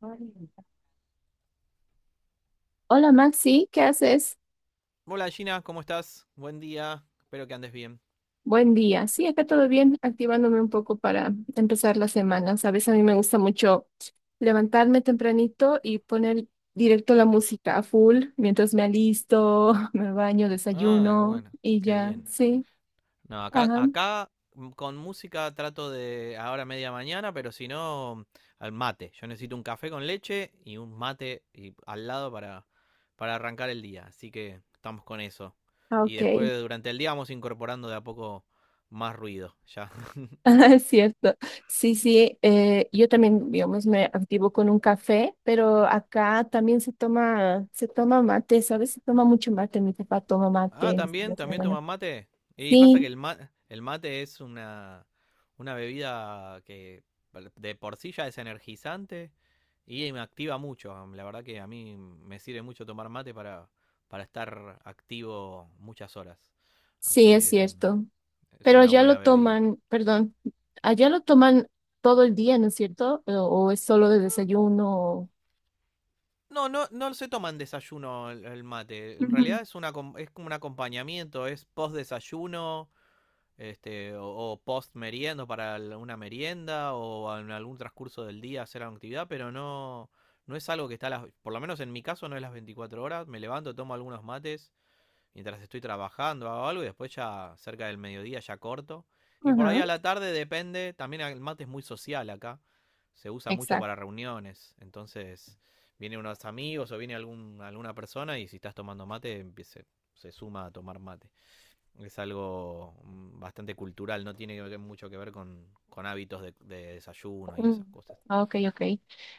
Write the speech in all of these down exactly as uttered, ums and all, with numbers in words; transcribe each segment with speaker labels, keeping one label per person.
Speaker 1: Hola Maxi, ¿qué haces?
Speaker 2: Hola Gina, ¿cómo estás? Buen día, espero que andes bien.
Speaker 1: Buen día. Sí, acá todo bien, activándome un poco para empezar la semana. Sabes, a mí me gusta mucho levantarme tempranito y poner directo la música a full mientras me alisto, me baño,
Speaker 2: Ah, qué
Speaker 1: desayuno
Speaker 2: bueno,
Speaker 1: y
Speaker 2: qué
Speaker 1: ya.
Speaker 2: bien.
Speaker 1: Sí,
Speaker 2: No, acá,
Speaker 1: ajá,
Speaker 2: acá mm, con música trato de ahora media mañana, pero si no, al mate. Yo necesito un café con leche y un mate y, al lado para, para arrancar el día, así que estamos con eso.
Speaker 1: ah,
Speaker 2: Y
Speaker 1: ok.
Speaker 2: después durante el día vamos incorporando de a poco más ruido, ya.
Speaker 1: Ah, es cierto. Sí, sí, eh, yo también, digamos, me activo con un café, pero acá también se toma, se toma mate, ¿sabes? Se toma mucho mate, mi papá toma
Speaker 2: Ah,
Speaker 1: mate, mis
Speaker 2: también,
Speaker 1: tíos, mi
Speaker 2: también
Speaker 1: hermano.
Speaker 2: toman mate. Y pasa que
Speaker 1: Sí,
Speaker 2: el, ma- el mate es una, una bebida que de por sí ya es energizante y me activa mucho. La verdad que a mí me sirve mucho tomar mate para, para estar activo muchas horas. Así
Speaker 1: sí, es
Speaker 2: que es una,
Speaker 1: cierto.
Speaker 2: es
Speaker 1: Pero
Speaker 2: una
Speaker 1: allá lo
Speaker 2: buena bebida.
Speaker 1: toman, perdón, allá lo toman todo el día, ¿no es cierto? O, o es solo de desayuno. o-
Speaker 2: No, no, no se toma en desayuno el, el mate. En
Speaker 1: Ujú,
Speaker 2: realidad es una, acom- es como un acompañamiento, es post desayuno este, o, o post meriendo para una merienda o en algún transcurso del día hacer alguna actividad, pero no, no es algo que está a las, por lo menos en mi caso no es las veinticuatro horas. Me levanto, tomo algunos mates mientras estoy trabajando, hago algo y después ya cerca del mediodía ya corto. Y por ahí
Speaker 1: ajá,
Speaker 2: a la tarde depende, también el mate es muy social acá, se usa mucho para
Speaker 1: exacto.
Speaker 2: reuniones, entonces viene unos amigos o viene algún, alguna persona y si estás tomando mate empie- se se suma a tomar mate. Es algo mm, bastante cultural, no tiene mucho que ver con, con hábitos de, de desayuno y
Speaker 1: Mm,
Speaker 2: esas cosas.
Speaker 1: ah, ok, ok.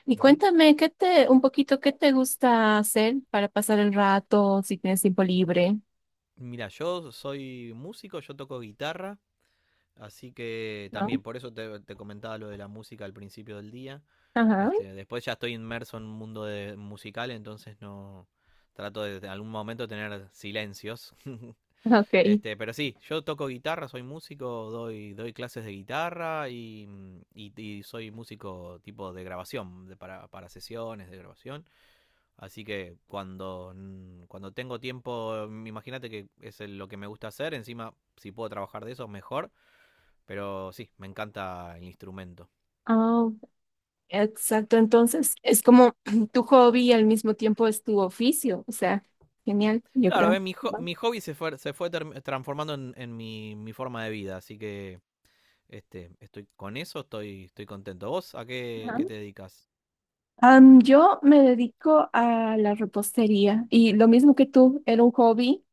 Speaker 1: Y
Speaker 2: Ujú.
Speaker 1: cuéntame, ¿qué te, un poquito, qué te gusta hacer para pasar el rato si tienes tiempo libre?
Speaker 2: Mira, yo soy músico, yo toco guitarra, así que
Speaker 1: ¿No?
Speaker 2: también por eso te, te comentaba lo de la música al principio del día.
Speaker 1: Ajá,
Speaker 2: Este, después ya estoy inmerso en un mundo de- musical, entonces no trato de, de algún momento tener silencios
Speaker 1: ok.
Speaker 2: Este, pero sí, yo toco guitarra, soy músico, doy, doy clases de guitarra y, mm, y- y soy músico tipo de grabación, de- para, para sesiones de grabación. Así que cuando, mm, cuando tengo tiempo, mm, imagínate que es el- lo que me gusta hacer, encima si puedo trabajar de eso, mejor, pero sí, me encanta el instrumento.
Speaker 1: Ah, exacto. Entonces, es como tu hobby y al mismo tiempo es tu oficio. O sea, genial, yo
Speaker 2: Claro,
Speaker 1: creo.
Speaker 2: eh, mi, ho- mi hobby se fue, se fue term- transformando en, en mi, mi forma de vida, así que este, estoy con eso, estoy, estoy contento. ¿Vos a qué,
Speaker 1: Ajá.
Speaker 2: qué te dedicas?
Speaker 1: Am, yo me dedico a la repostería y lo mismo que tú, era un hobby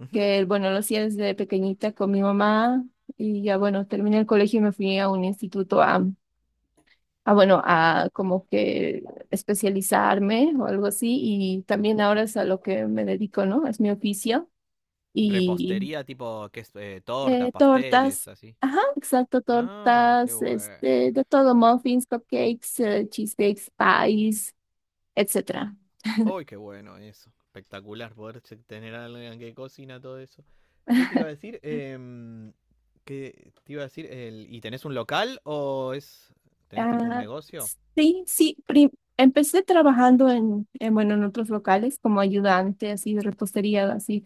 Speaker 2: Ujú.
Speaker 1: que, bueno, lo hacía desde pequeñita con mi mamá y ya, bueno, terminé el colegio y me fui a un instituto a, a, bueno, a como que especializarme o algo así y también
Speaker 2: Ujú.
Speaker 1: ahora es a lo que me dedico, ¿no? Es mi oficio y
Speaker 2: ¿Repostería tipo, que es? Eh, tortas,
Speaker 1: eh,
Speaker 2: pasteles,
Speaker 1: tortas,
Speaker 2: así.
Speaker 1: ajá, exacto,
Speaker 2: Ah, qué
Speaker 1: tortas,
Speaker 2: bueno.
Speaker 1: este, de todo, muffins, cupcakes, eh, cheesecakes, pies, etcétera.
Speaker 2: Uy, qué bueno eso. Espectacular poder se- tener a alguien que cocina todo eso. ¿Qué te iba a decir? Em, ¿qué te iba a decir? El, ¿y tenés un local o es, tenés tipo un
Speaker 1: Ah,
Speaker 2: negocio?
Speaker 1: sí, sí, prim- empecé trabajando en, en, bueno, en otros locales como ayudante, así de repostería, así,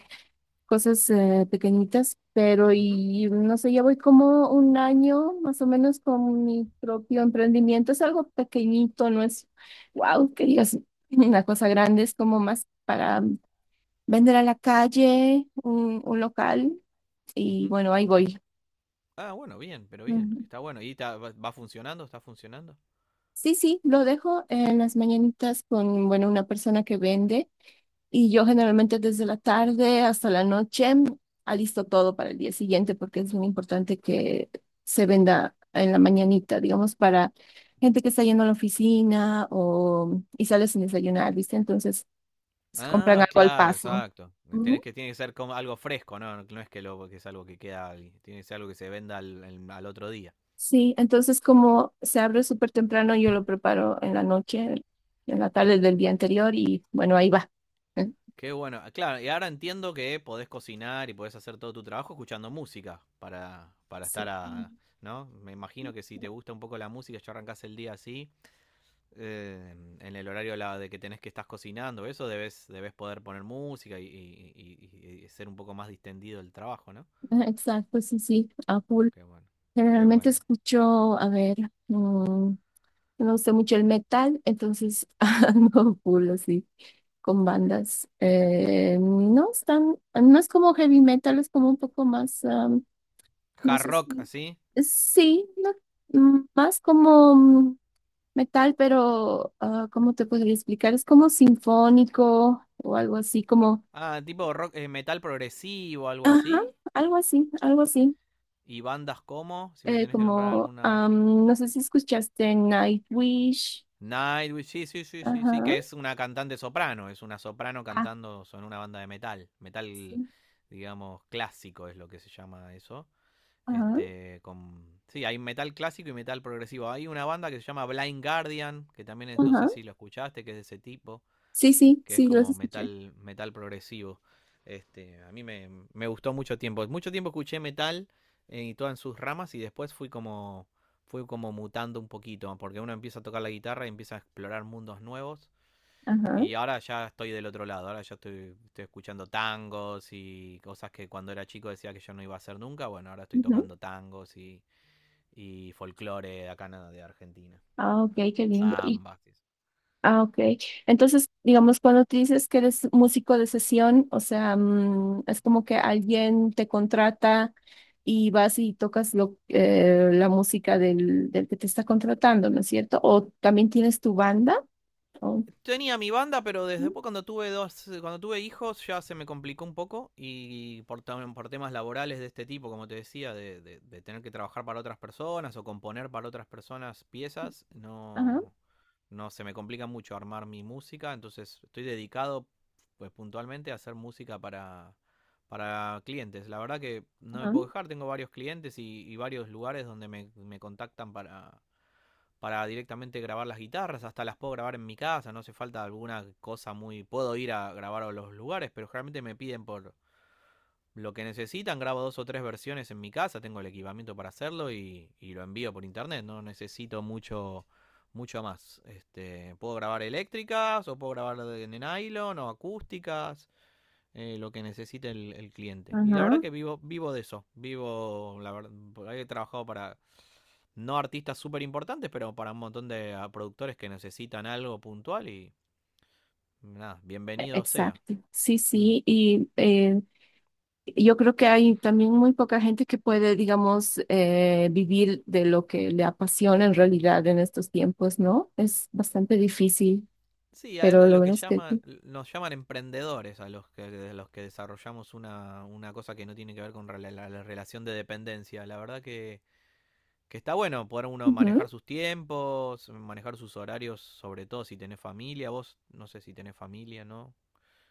Speaker 1: cosas eh, pequeñitas, pero
Speaker 2: Ujú,
Speaker 1: y no sé, ya voy como un año más o menos con mi propio emprendimiento. Es algo pequeñito, no es, wow, que digas una cosa grande, es como más para mm, vender a la calle, un, un local, y
Speaker 2: ujú.
Speaker 1: bueno, ahí voy.
Speaker 2: Ah, bueno, bien, pero bien, que
Speaker 1: Ujú.
Speaker 2: está bueno. ¿Y ta- va, va funcionando? ¿Está funcionando?
Speaker 1: Sí, sí, lo dejo en las mañanitas con, bueno, una persona que vende. Y yo generalmente desde la tarde hasta la noche alisto todo para el día siguiente porque es muy importante que se venda en la mañanita, digamos, para gente que está yendo a la oficina o y sale sin desayunar, ¿viste? Entonces se compran
Speaker 2: Ah,
Speaker 1: algo al
Speaker 2: claro,
Speaker 1: paso.
Speaker 2: exacto. Tienes
Speaker 1: Ujú.
Speaker 2: que, tiene que ser como algo fresco, ¿no? No, no es que, lo, que es algo que queda ahí. Tiene que ser algo que se venda al, al- al otro día.
Speaker 1: Sí, entonces como se abre súper temprano, yo lo preparo en la noche, en la tarde del día anterior y bueno, ahí va. ¿Eh?
Speaker 2: Qué bueno. Ah, claro, y ahora entiendo que podés cocinar y podés hacer todo tu trabajo escuchando música para, para estar
Speaker 1: Sí,
Speaker 2: a, ¿no? Me imagino que si te gusta un poco la música, ya arrancás el día así, eh, en el horario la- de que tenés que estás cocinando, eso debes, debes poder poner música y, y- y- y ser un poco más distendido el trabajo, ¿no?
Speaker 1: ajá, exacto, sí, sí, apuro.
Speaker 2: Qué bueno. Qué
Speaker 1: Generalmente
Speaker 2: bueno.
Speaker 1: escucho, a ver, mm, me gusta mucho el metal, entonces ando full así con bandas. Eh, no están, no es como heavy metal, es como un poco más, am, no
Speaker 2: Hard
Speaker 1: sé
Speaker 2: rock
Speaker 1: si,
Speaker 2: así.
Speaker 1: sí, no, mm, más como mm, metal, pero ah, ¿cómo te podría explicar? Es como sinfónico o algo así, como,
Speaker 2: Ah, tipo rock, eh, metal progresivo, algo
Speaker 1: ajá,
Speaker 2: así.
Speaker 1: algo así, algo así.
Speaker 2: Y bandas como, si me
Speaker 1: Eh,
Speaker 2: tenés que nombrar
Speaker 1: como,
Speaker 2: alguna.
Speaker 1: am, no sé si escuchaste Nightwish,
Speaker 2: Nightwish, sí, sí, sí, sí, sí,
Speaker 1: ajá.
Speaker 2: que es una cantante soprano, es una soprano
Speaker 1: Ah,
Speaker 2: cantando en una banda de metal. Metal,
Speaker 1: sí.
Speaker 2: digamos, clásico es lo que se llama eso.
Speaker 1: Ajá,
Speaker 2: Este, con... Sí, hay metal clásico y metal progresivo. Hay una banda que se llama Blind Guardian, que también es, no sé
Speaker 1: ajá.
Speaker 2: si lo escuchaste, que es de ese tipo.
Speaker 1: Sí, sí,
Speaker 2: Que es
Speaker 1: sí, los
Speaker 2: como
Speaker 1: escuché.
Speaker 2: metal, metal progresivo. Este, a mí me, me gustó mucho tiempo. Mucho tiempo escuché metal eh, y todas en sus ramas y después fui como, fui como mutando un poquito, porque uno empieza a tocar la guitarra y empieza a explorar mundos nuevos.
Speaker 1: Ajá.
Speaker 2: Y ahora ya estoy del otro lado, ahora ya estoy, estoy escuchando tangos y cosas que cuando era chico decía que yo no iba a hacer nunca. Bueno, ahora estoy
Speaker 1: Ujú.
Speaker 2: tocando tangos y, y folclore de acá de Argentina.
Speaker 1: Ah, ok, qué lindo. Y,
Speaker 2: Zambas.
Speaker 1: ah, ok. Entonces, digamos, cuando te dices que eres músico de sesión, o sea, mm, es como que alguien te contrata y vas y tocas lo, eh, la música del, del que te está contratando, ¿no es cierto? O también tienes tu banda. o-
Speaker 2: Tenía mi banda, pero desde después cuando tuve dos, cuando tuve hijos ya se me complicó un poco y por, por temas laborales de este tipo, como te decía, de, de- de tener que trabajar para otras personas o componer para otras personas piezas,
Speaker 1: Ajá,
Speaker 2: no, no se me complica mucho armar mi música, entonces estoy dedicado pues puntualmente a hacer música para, para clientes. La verdad que no me
Speaker 1: ajá,
Speaker 2: puedo dejar, tengo varios clientes y, y varios lugares donde me, me contactan para para directamente grabar las guitarras, hasta las puedo grabar en mi casa, no hace falta alguna cosa muy... Puedo ir a grabar a los lugares, pero generalmente me piden por lo que necesitan, grabo dos o tres versiones en mi casa, tengo el equipamiento para hacerlo y, y lo envío por internet, no necesito mucho mucho más. Este, puedo grabar eléctricas o puedo grabar de nylon o acústicas, eh, lo que necesite el, el, cliente. Y la verdad
Speaker 1: ajá.
Speaker 2: que vivo, vivo de eso. Vivo, la verdad, he trabajado para no artistas súper importantes, pero para un montón de ah, productores que necesitan algo puntual y nada, bienvenido sea.
Speaker 1: Exacto. Sí,
Speaker 2: Mm.
Speaker 1: sí. Y eh, yo creo que hay también muy poca gente que puede, digamos, eh, vivir de lo que le apasiona en realidad en estos tiempos, ¿no? Es bastante difícil,
Speaker 2: Sí, a eso
Speaker 1: pero
Speaker 2: es
Speaker 1: lo
Speaker 2: lo que
Speaker 1: bueno es que...
Speaker 2: llama, nos llaman emprendedores, a los que, de los que desarrollamos una, una cosa que no tiene que ver con rela- la, la relación de dependencia. La verdad que, que está bueno poder uno manejar
Speaker 1: Ujú.
Speaker 2: sus tiempos, manejar sus horarios, sobre todo si tenés familia. Vos no sé si tenés familia, ¿no?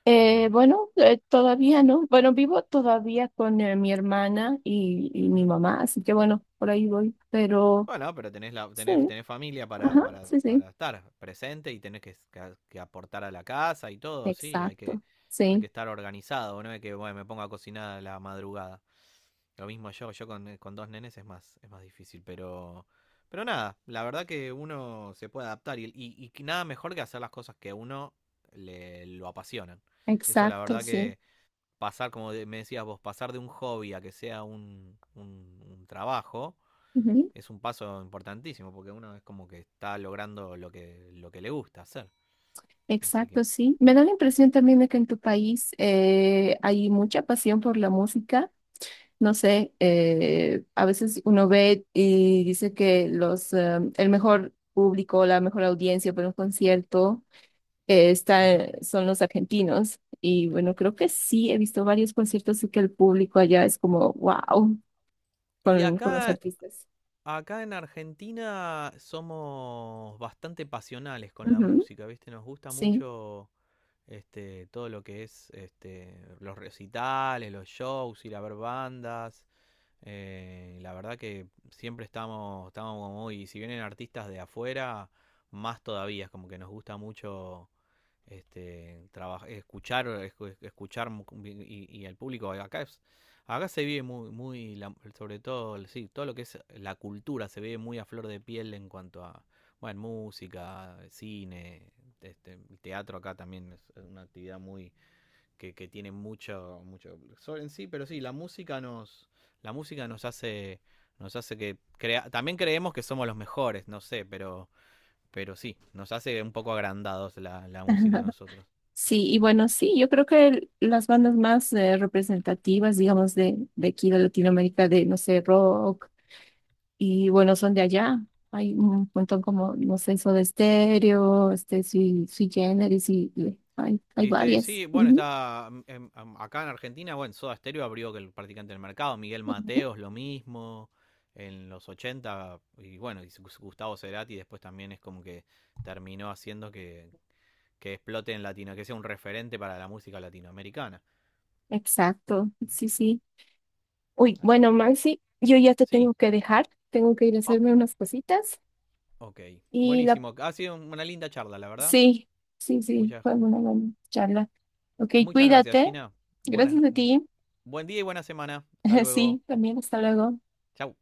Speaker 1: Eh,
Speaker 2: Pero...
Speaker 1: bueno, eh, todavía no. Bueno, vivo todavía con eh, mi hermana y, y mi
Speaker 2: ujú.
Speaker 1: mamá, así que bueno, por ahí voy. Pero
Speaker 2: Bueno, pero tenés, la,
Speaker 1: sí,
Speaker 2: tenés, tenés familia para,
Speaker 1: ajá,
Speaker 2: para,
Speaker 1: sí, sí,
Speaker 2: para estar presente y tenés que, que- que aportar a la casa y todo, sí, hay
Speaker 1: exacto,
Speaker 2: que, hay que
Speaker 1: sí,
Speaker 2: estar organizado, no es que bueno, me ponga a cocinar a la madrugada. Lo mismo yo, yo con, eh, con dos nenes es más, es más difícil, pero, pero nada, la verdad que uno se puede adaptar y, y, y que nada mejor que hacer las cosas que a uno le, lo apasionan. Eso la
Speaker 1: exacto,
Speaker 2: verdad
Speaker 1: sí.
Speaker 2: que pasar, como de- me decías vos, pasar de un hobby a que sea un, un un trabajo
Speaker 1: Ujú.
Speaker 2: es un paso importantísimo porque uno es como que está logrando lo que, lo que le gusta hacer. Así que.
Speaker 1: Exacto, sí. Me da la impresión también de que en tu país eh, hay mucha pasión por la música. No sé, eh, a veces uno ve y dice que los, eh, el mejor público, la mejor audiencia para un concierto eh, está,
Speaker 2: Ujú.
Speaker 1: son los argentinos. Y bueno, creo que sí, he visto varios conciertos y que el público allá es como, wow,
Speaker 2: Y
Speaker 1: con, con los
Speaker 2: acá,
Speaker 1: artistas.
Speaker 2: acá en Argentina somos bastante pasionales con la
Speaker 1: Ujú,
Speaker 2: música, ¿viste? Nos gusta
Speaker 1: sí.
Speaker 2: mucho este, todo lo que es este, los recitales, los shows, ir a ver bandas. Eh, la verdad que siempre estamos, estamos como muy, si vienen artistas de afuera, más todavía, es como que nos gusta mucho este, traba- escuchar, escu- escuchar mu- y, y al público. Acá, es- acá se vive muy, muy la- sobre todo, el- sí, todo lo que es la cultura se vive muy a flor de piel en cuanto a, bueno, música, cine, este, el teatro acá también es una actividad muy que, que tiene mucho, mucho sol en sí, pero sí, la música nos, la música nos hace, nos hace que crea, también creemos que somos los mejores, no sé, pero, pero sí, nos hace un poco agrandados la, la música a nosotros.
Speaker 1: Sí, y bueno, sí, yo creo que el- las bandas más eh, representativas, digamos, de, de aquí de Latinoamérica, de, no sé, rock, y bueno, son de allá. Hay un montón como, no sé, Soda Stereo, este, Sui, Sui Generis, y y hay, hay
Speaker 2: Y este,
Speaker 1: varias.
Speaker 2: sí, bueno,
Speaker 1: Ujú,
Speaker 2: está em, em, acá en Argentina, bueno, Soda Stereo abrió que el practicante del mercado, Miguel
Speaker 1: ujú.
Speaker 2: Mateos lo mismo, en los ochenta y bueno, y Gustavo Cerati después también es como que terminó haciendo que, que explote en Latino, que sea un referente para la música latinoamericana.
Speaker 1: Exacto, sí, sí. Uy,
Speaker 2: Así
Speaker 1: bueno,
Speaker 2: que.
Speaker 1: Maxi, yo ya te
Speaker 2: Sí.
Speaker 1: tengo que dejar, tengo que ir a
Speaker 2: Oh,
Speaker 1: hacerme unas cositas,
Speaker 2: ok.
Speaker 1: y la,
Speaker 2: Buenísimo. Ha sido una linda charla, la verdad.
Speaker 1: sí, sí, sí,
Speaker 2: Muchas,
Speaker 1: fue una buena charla. Ok,
Speaker 2: muchas gracias,
Speaker 1: cuídate,
Speaker 2: Gina.
Speaker 1: gracias
Speaker 2: Buenas,
Speaker 1: a
Speaker 2: bu-
Speaker 1: ti.
Speaker 2: Buen día y buena semana. Hasta luego.
Speaker 1: Sí, también, hasta luego.
Speaker 2: Chau.